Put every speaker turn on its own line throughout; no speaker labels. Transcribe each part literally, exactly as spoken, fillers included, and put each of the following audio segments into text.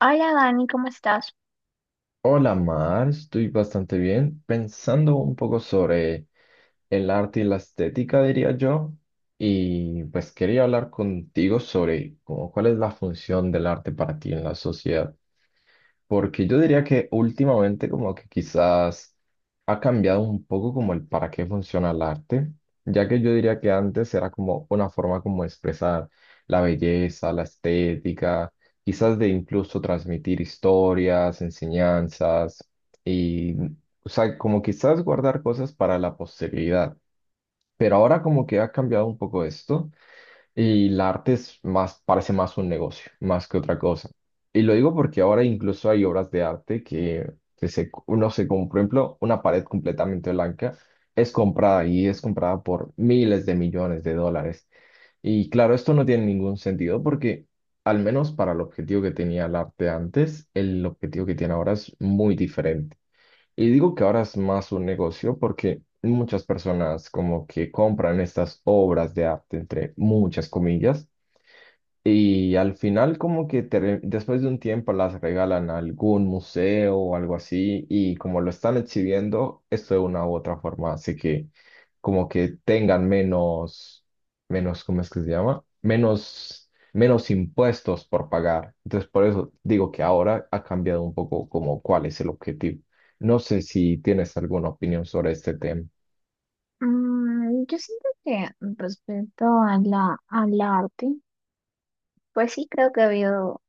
Hola Dani, ¿cómo estás?
Hola Mar, estoy bastante bien, pensando un poco sobre el arte y la estética, diría yo, y pues quería hablar contigo sobre cómo- cuál es la función del arte para ti en la sociedad. Porque yo diría que últimamente como que quizás ha cambiado un poco como el para qué funciona el arte, ya que yo diría que antes era como una forma como de expresar la belleza, la estética, quizás de incluso transmitir historias, enseñanzas y, o sea, como quizás guardar cosas para la posteridad. Pero ahora como que ha cambiado un poco esto y el arte es más, parece más un negocio, más que otra cosa. Y lo digo porque ahora incluso hay obras de arte que, que se, uno se compra, por ejemplo, una pared completamente blanca es comprada y es comprada por miles de millones de dólares. Y claro, esto no tiene ningún sentido porque, al menos para el objetivo que tenía el arte antes, el objetivo que tiene ahora es muy diferente. Y digo que ahora es más un negocio porque muchas personas como que compran estas obras de arte, entre muchas comillas, y al final como que te- después de un tiempo las regalan a algún museo o algo así y como lo están exhibiendo, esto de una u otra forma hace que como que tengan menos, menos, ¿cómo es que se llama? Menos, menos impuestos por pagar. Entonces por eso digo que ahora ha cambiado un poco como cuál es el objetivo. No sé si tienes alguna opinión sobre este tema.
Mm, yo siento que respecto a la, al arte, pues sí creo que ha habido,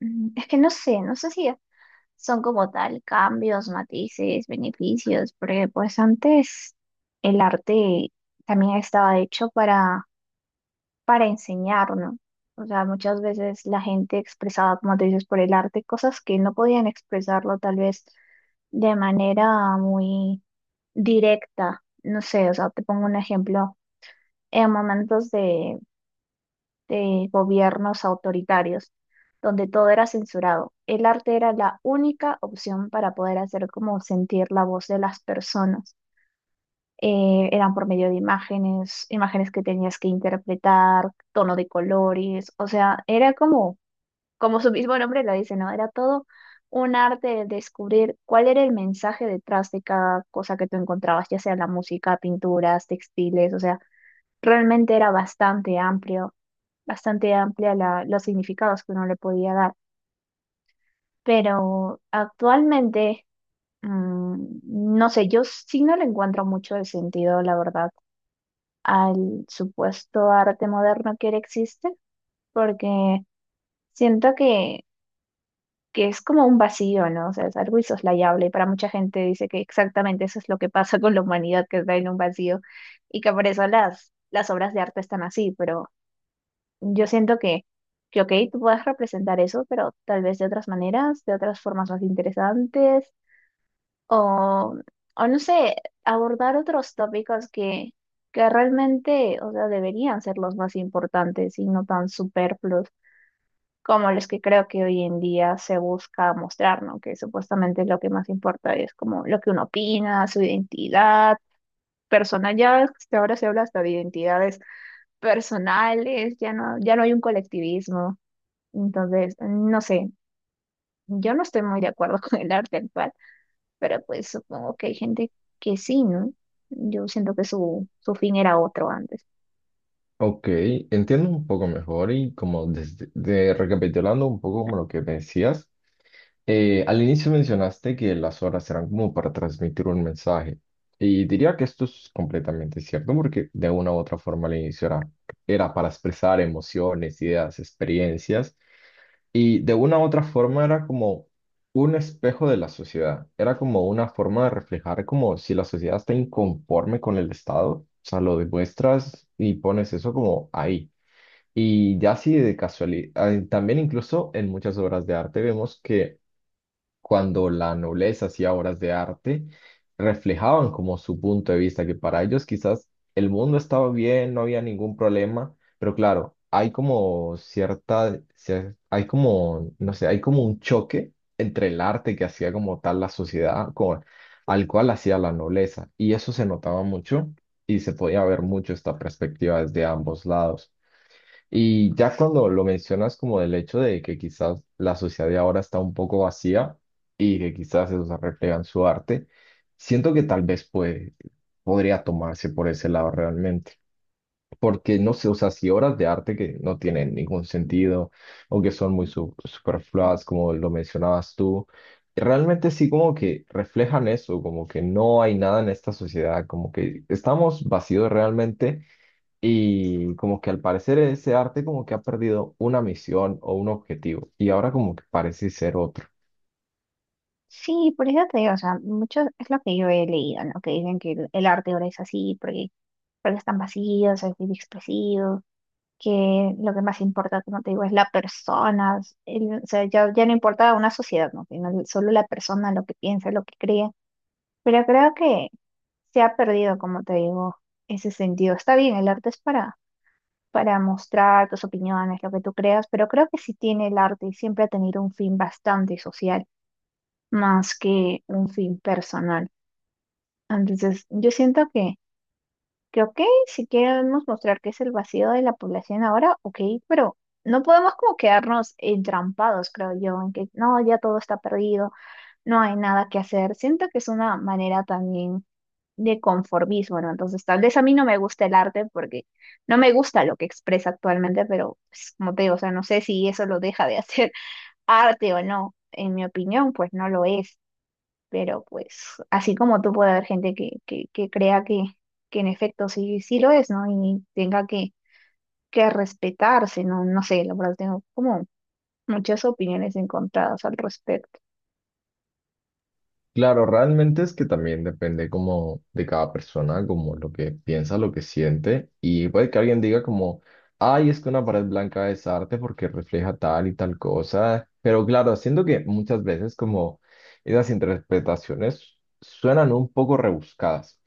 mm, es que no sé, no sé si son como tal cambios, matices, beneficios, porque pues antes el arte también estaba hecho para, para enseñar, ¿no? O sea, muchas veces la gente expresaba, como te dices, por el arte cosas que no podían expresarlo tal vez de manera muy directa. No sé, o sea, te pongo un ejemplo, en momentos de, de gobiernos autoritarios, donde todo era censurado, el arte era la única opción para poder hacer como sentir la voz de las personas. Eh, eran por medio de imágenes, imágenes que tenías que interpretar, tono de colores, o sea, era como como su mismo nombre lo dice, ¿no? Era todo un arte de descubrir cuál era el mensaje detrás de cada cosa que tú encontrabas, ya sea la música, pinturas, textiles, o sea, realmente era bastante amplio, bastante amplia la- los significados que uno le podía dar. Pero actualmente, mm, no sé, yo sí no le encuentro mucho el sentido, la verdad, al supuesto arte moderno que ahora existe, porque siento que que es como un vacío, ¿no? O sea, es algo insoslayable y para mucha gente dice que exactamente eso es lo que pasa con la humanidad, que está en un vacío y que por eso las, las obras de arte están así, pero yo siento que, que, ok, tú puedes representar eso, pero tal vez de otras maneras, de otras formas más interesantes o, o no sé, abordar otros tópicos que, que realmente, o sea, deberían ser los más importantes y no tan superfluos como los que creo que hoy en día se busca mostrar, ¿no? Que supuestamente lo que más importa es como lo que uno opina, su identidad personal. Ya ves que hasta ahora se habla hasta de identidades personales, ya no, ya no hay un colectivismo. Entonces, no sé, yo no estoy muy de acuerdo con el arte actual, pero pues supongo que hay gente que sí, ¿no? Yo siento que su, su fin era otro antes.
Ok, entiendo un poco mejor y como desde- de- recapitulando un poco como lo que me decías. Eh, al inicio mencionaste que las horas eran como para transmitir un mensaje y diría que esto es completamente cierto porque de una u otra forma al inicio era, era para expresar emociones, ideas, experiencias y de una u otra forma era como un espejo de la sociedad, era como una forma de reflejar como si la sociedad está inconforme con el Estado, o sea, lo demuestras y pones eso como ahí. Y ya así de casualidad, también incluso en muchas obras de arte vemos que cuando la nobleza hacía obras de arte, reflejaban como su punto de vista, que para ellos quizás el mundo estaba bien, no había ningún problema, pero claro, hay como cierta, cier- hay como, no sé, hay como un choque entre el arte que hacía como tal la sociedad con, al cual hacía la nobleza, y eso se notaba mucho y se podía ver mucho esta perspectiva desde ambos lados. Y ya cuando lo mencionas como del hecho de que quizás la sociedad de ahora está un poco vacía y que quizás eso se refleja en su arte, siento que tal vez puede, podría tomarse por ese lado realmente. Porque no sé, o sea, si obras de arte que no tienen ningún sentido o que son muy su- superfluas, como lo mencionabas tú, realmente sí como que reflejan eso, como que no hay nada en esta sociedad, como que estamos vacíos realmente y como que al parecer ese arte como que ha perdido una misión o un objetivo y ahora como que parece ser otro.
Sí, por eso te digo, o sea, mucho es lo que yo he leído, ¿no? Que dicen que el, el arte ahora es así, porque, porque están vacíos, es muy expresivo, que lo que más importa, como te digo, es la persona, el- o sea, ya, ya no importa una sociedad, ¿no? Sino el- solo la persona, lo que piensa, lo que cree. Pero creo que se ha perdido, como te digo, ese sentido. Está bien, el arte es para, para mostrar tus opiniones, lo que tú creas, pero creo que sí tiene el arte y siempre ha tenido un fin bastante social más que un fin personal. Entonces, yo siento que, que ok, si queremos mostrar que es el vacío de la población ahora, ok, pero no podemos como quedarnos entrampados, creo yo, en que no, ya todo está perdido, no hay nada que hacer. Siento que es una manera también de conformismo, ¿no? Entonces, tal vez a mí no me gusta el arte porque no me gusta lo que expresa actualmente, pero pues, como te digo, o sea, no sé si eso lo deja de hacer arte o no. En mi opinión, pues no lo es. Pero pues así como tú puede haber gente que, que, que crea que, que en efecto sí, sí lo es, ¿no? Y tenga que, que respetarse, ¿no? No sé, la verdad tengo como muchas opiniones encontradas al respecto.
Claro, realmente es que también depende como de cada persona, como lo que piensa, lo que siente y puede que alguien diga como, ay, es que una pared blanca es arte porque refleja tal y tal cosa, pero claro, siento que muchas veces como esas interpretaciones suenan un poco rebuscadas.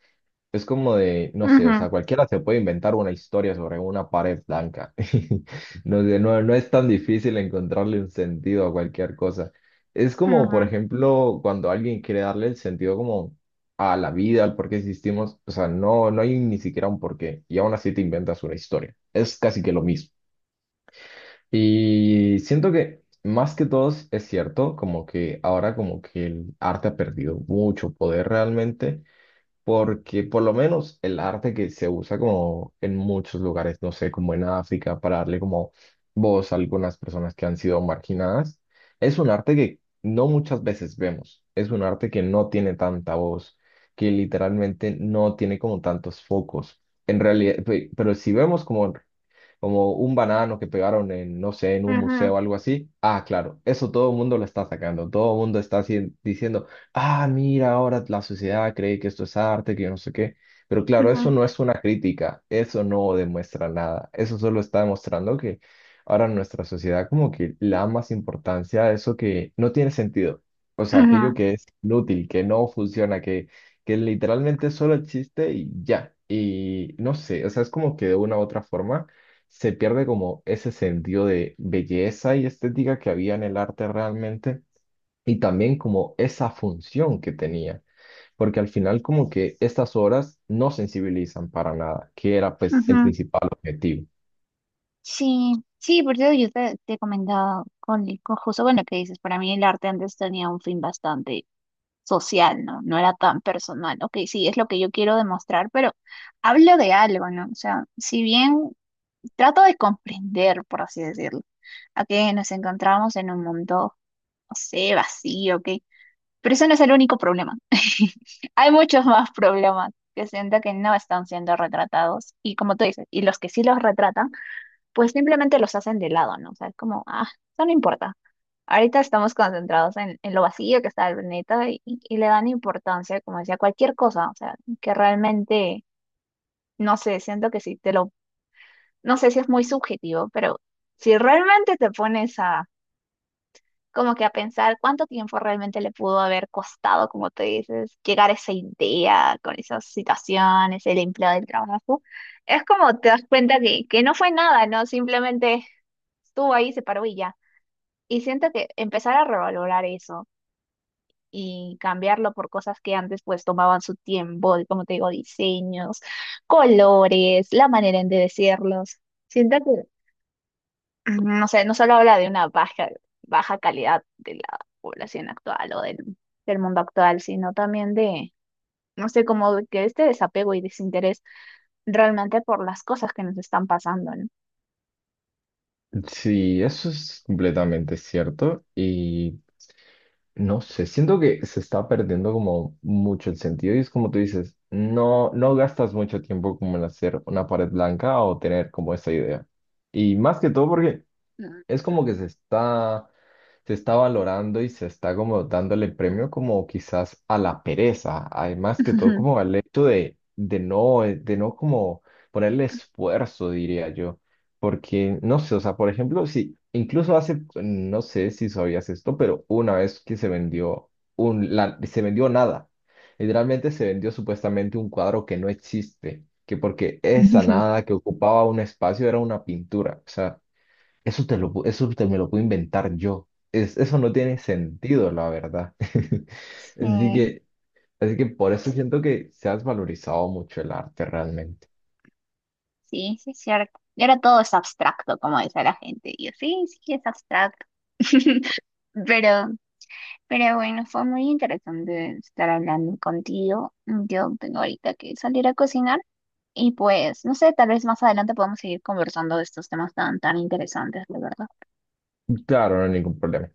Es como de, no sé, o
Ujú,
sea, cualquiera se puede inventar una historia sobre una pared blanca. No sé, no, no es tan difícil encontrarle un sentido a cualquier cosa. Es como, por
ujú,
ejemplo, cuando alguien quiere darle el sentido como a la vida, al por qué existimos, o sea, no, no hay ni siquiera un porqué y aún así te inventas una historia. Es casi que lo mismo. Y siento que más que todos es cierto, como que ahora como que el arte ha perdido mucho poder realmente porque por lo menos el arte que se usa como en muchos lugares, no sé, como en África, para darle como voz a algunas personas que han sido marginadas, es un arte que no muchas veces vemos, es un arte que no tiene tanta voz, que literalmente no tiene como tantos focos. En realidad, pe- pero si vemos como como un banano que pegaron en, no sé, en un
ujú,
museo o algo así. Ah, claro, eso todo el mundo lo está sacando, todo el mundo está así diciendo, ah, mira, ahora la sociedad cree que esto es arte, que yo no sé qué. Pero claro, eso
ujú,
no es una crítica, eso no demuestra nada, eso solo está demostrando que ahora nuestra sociedad como que le da más importancia a eso que no tiene sentido, o sea,
ujú,
aquello que es inútil, que no funciona, que, que literalmente solo existe y ya. Y no sé, o sea, es como que de una u otra forma se pierde como ese sentido de belleza y estética que había en el arte realmente y también como esa función que tenía, porque al final como que estas obras no sensibilizan para nada, que era pues el
ujú.
principal objetivo.
Sí, sí, por eso yo te, te comentaba con, con justo, bueno, que dices, para mí el arte antes tenía un fin bastante social, ¿no? No era tan personal. Ok, sí, es lo que yo quiero demostrar, pero hablo de algo, ¿no? O sea, si bien trato de comprender, por así decirlo, a que nos encontramos en un mundo, no sé, vacío, ok. Pero eso no es el único problema. Hay muchos más problemas que siento que no están siendo retratados. Y como tú dices, y los que sí los retratan, pues simplemente los hacen de lado, ¿no? O sea, es como, ah, eso no importa. Ahorita estamos concentrados en, en lo vacío que está el planeta y, y le dan importancia, como decía, a cualquier cosa, o sea, que realmente, no sé, siento que si te lo, no sé si es muy subjetivo, pero si realmente te pones a, como que a pensar cuánto tiempo realmente le pudo haber costado, como te dices, llegar a esa idea con esas situaciones, el empleo del trabajo, es como te das cuenta que, que no fue nada, ¿no? Simplemente estuvo ahí, se paró y ya. Y siento que empezar a revalorar eso, y cambiarlo por cosas que antes pues tomaban su tiempo, de, como te digo, diseños, colores, la manera en de decirlos. Siento que, mm, no sé, no solo habla de una baja, baja calidad de la población actual o del, del mundo actual, sino también de, no sé, como de que este desapego y desinterés realmente por las cosas que nos están pasando, ¿no?
Sí, eso es completamente cierto y no sé, siento que se está perdiendo como mucho el sentido y es como tú dices, no, no gastas mucho tiempo como en hacer una pared blanca o tener como esa idea. Y más que todo porque
Mm.
es como que se está, se está valorando y se está como dándole premio como quizás a la pereza, además que todo como al hecho de, de no, eh, de no como ponerle esfuerzo, diría yo, porque no sé, o sea, por ejemplo, si incluso hace, no sé si sabías esto, pero una vez que se vendió un, la- se vendió nada, literalmente se vendió supuestamente un cuadro que no existe, que porque esa nada que ocupaba un espacio era una pintura, o sea. Eso te lo, pu- eso te me lo puedo inventar yo. Es, eso no tiene sentido, la verdad. Así
Sí,
que, así que por eso siento que se has valorizado mucho el arte realmente.
sí, sí, es cierto. Y ahora todo es abstracto, como dice la gente. Y yo, sí, sí, es abstracto. Pero, pero bueno, fue muy interesante estar hablando contigo. Yo tengo ahorita que salir a cocinar y pues, no sé, tal vez más adelante podamos seguir conversando de estos temas tan, tan interesantes, la verdad.
Claro, no hay ningún problema.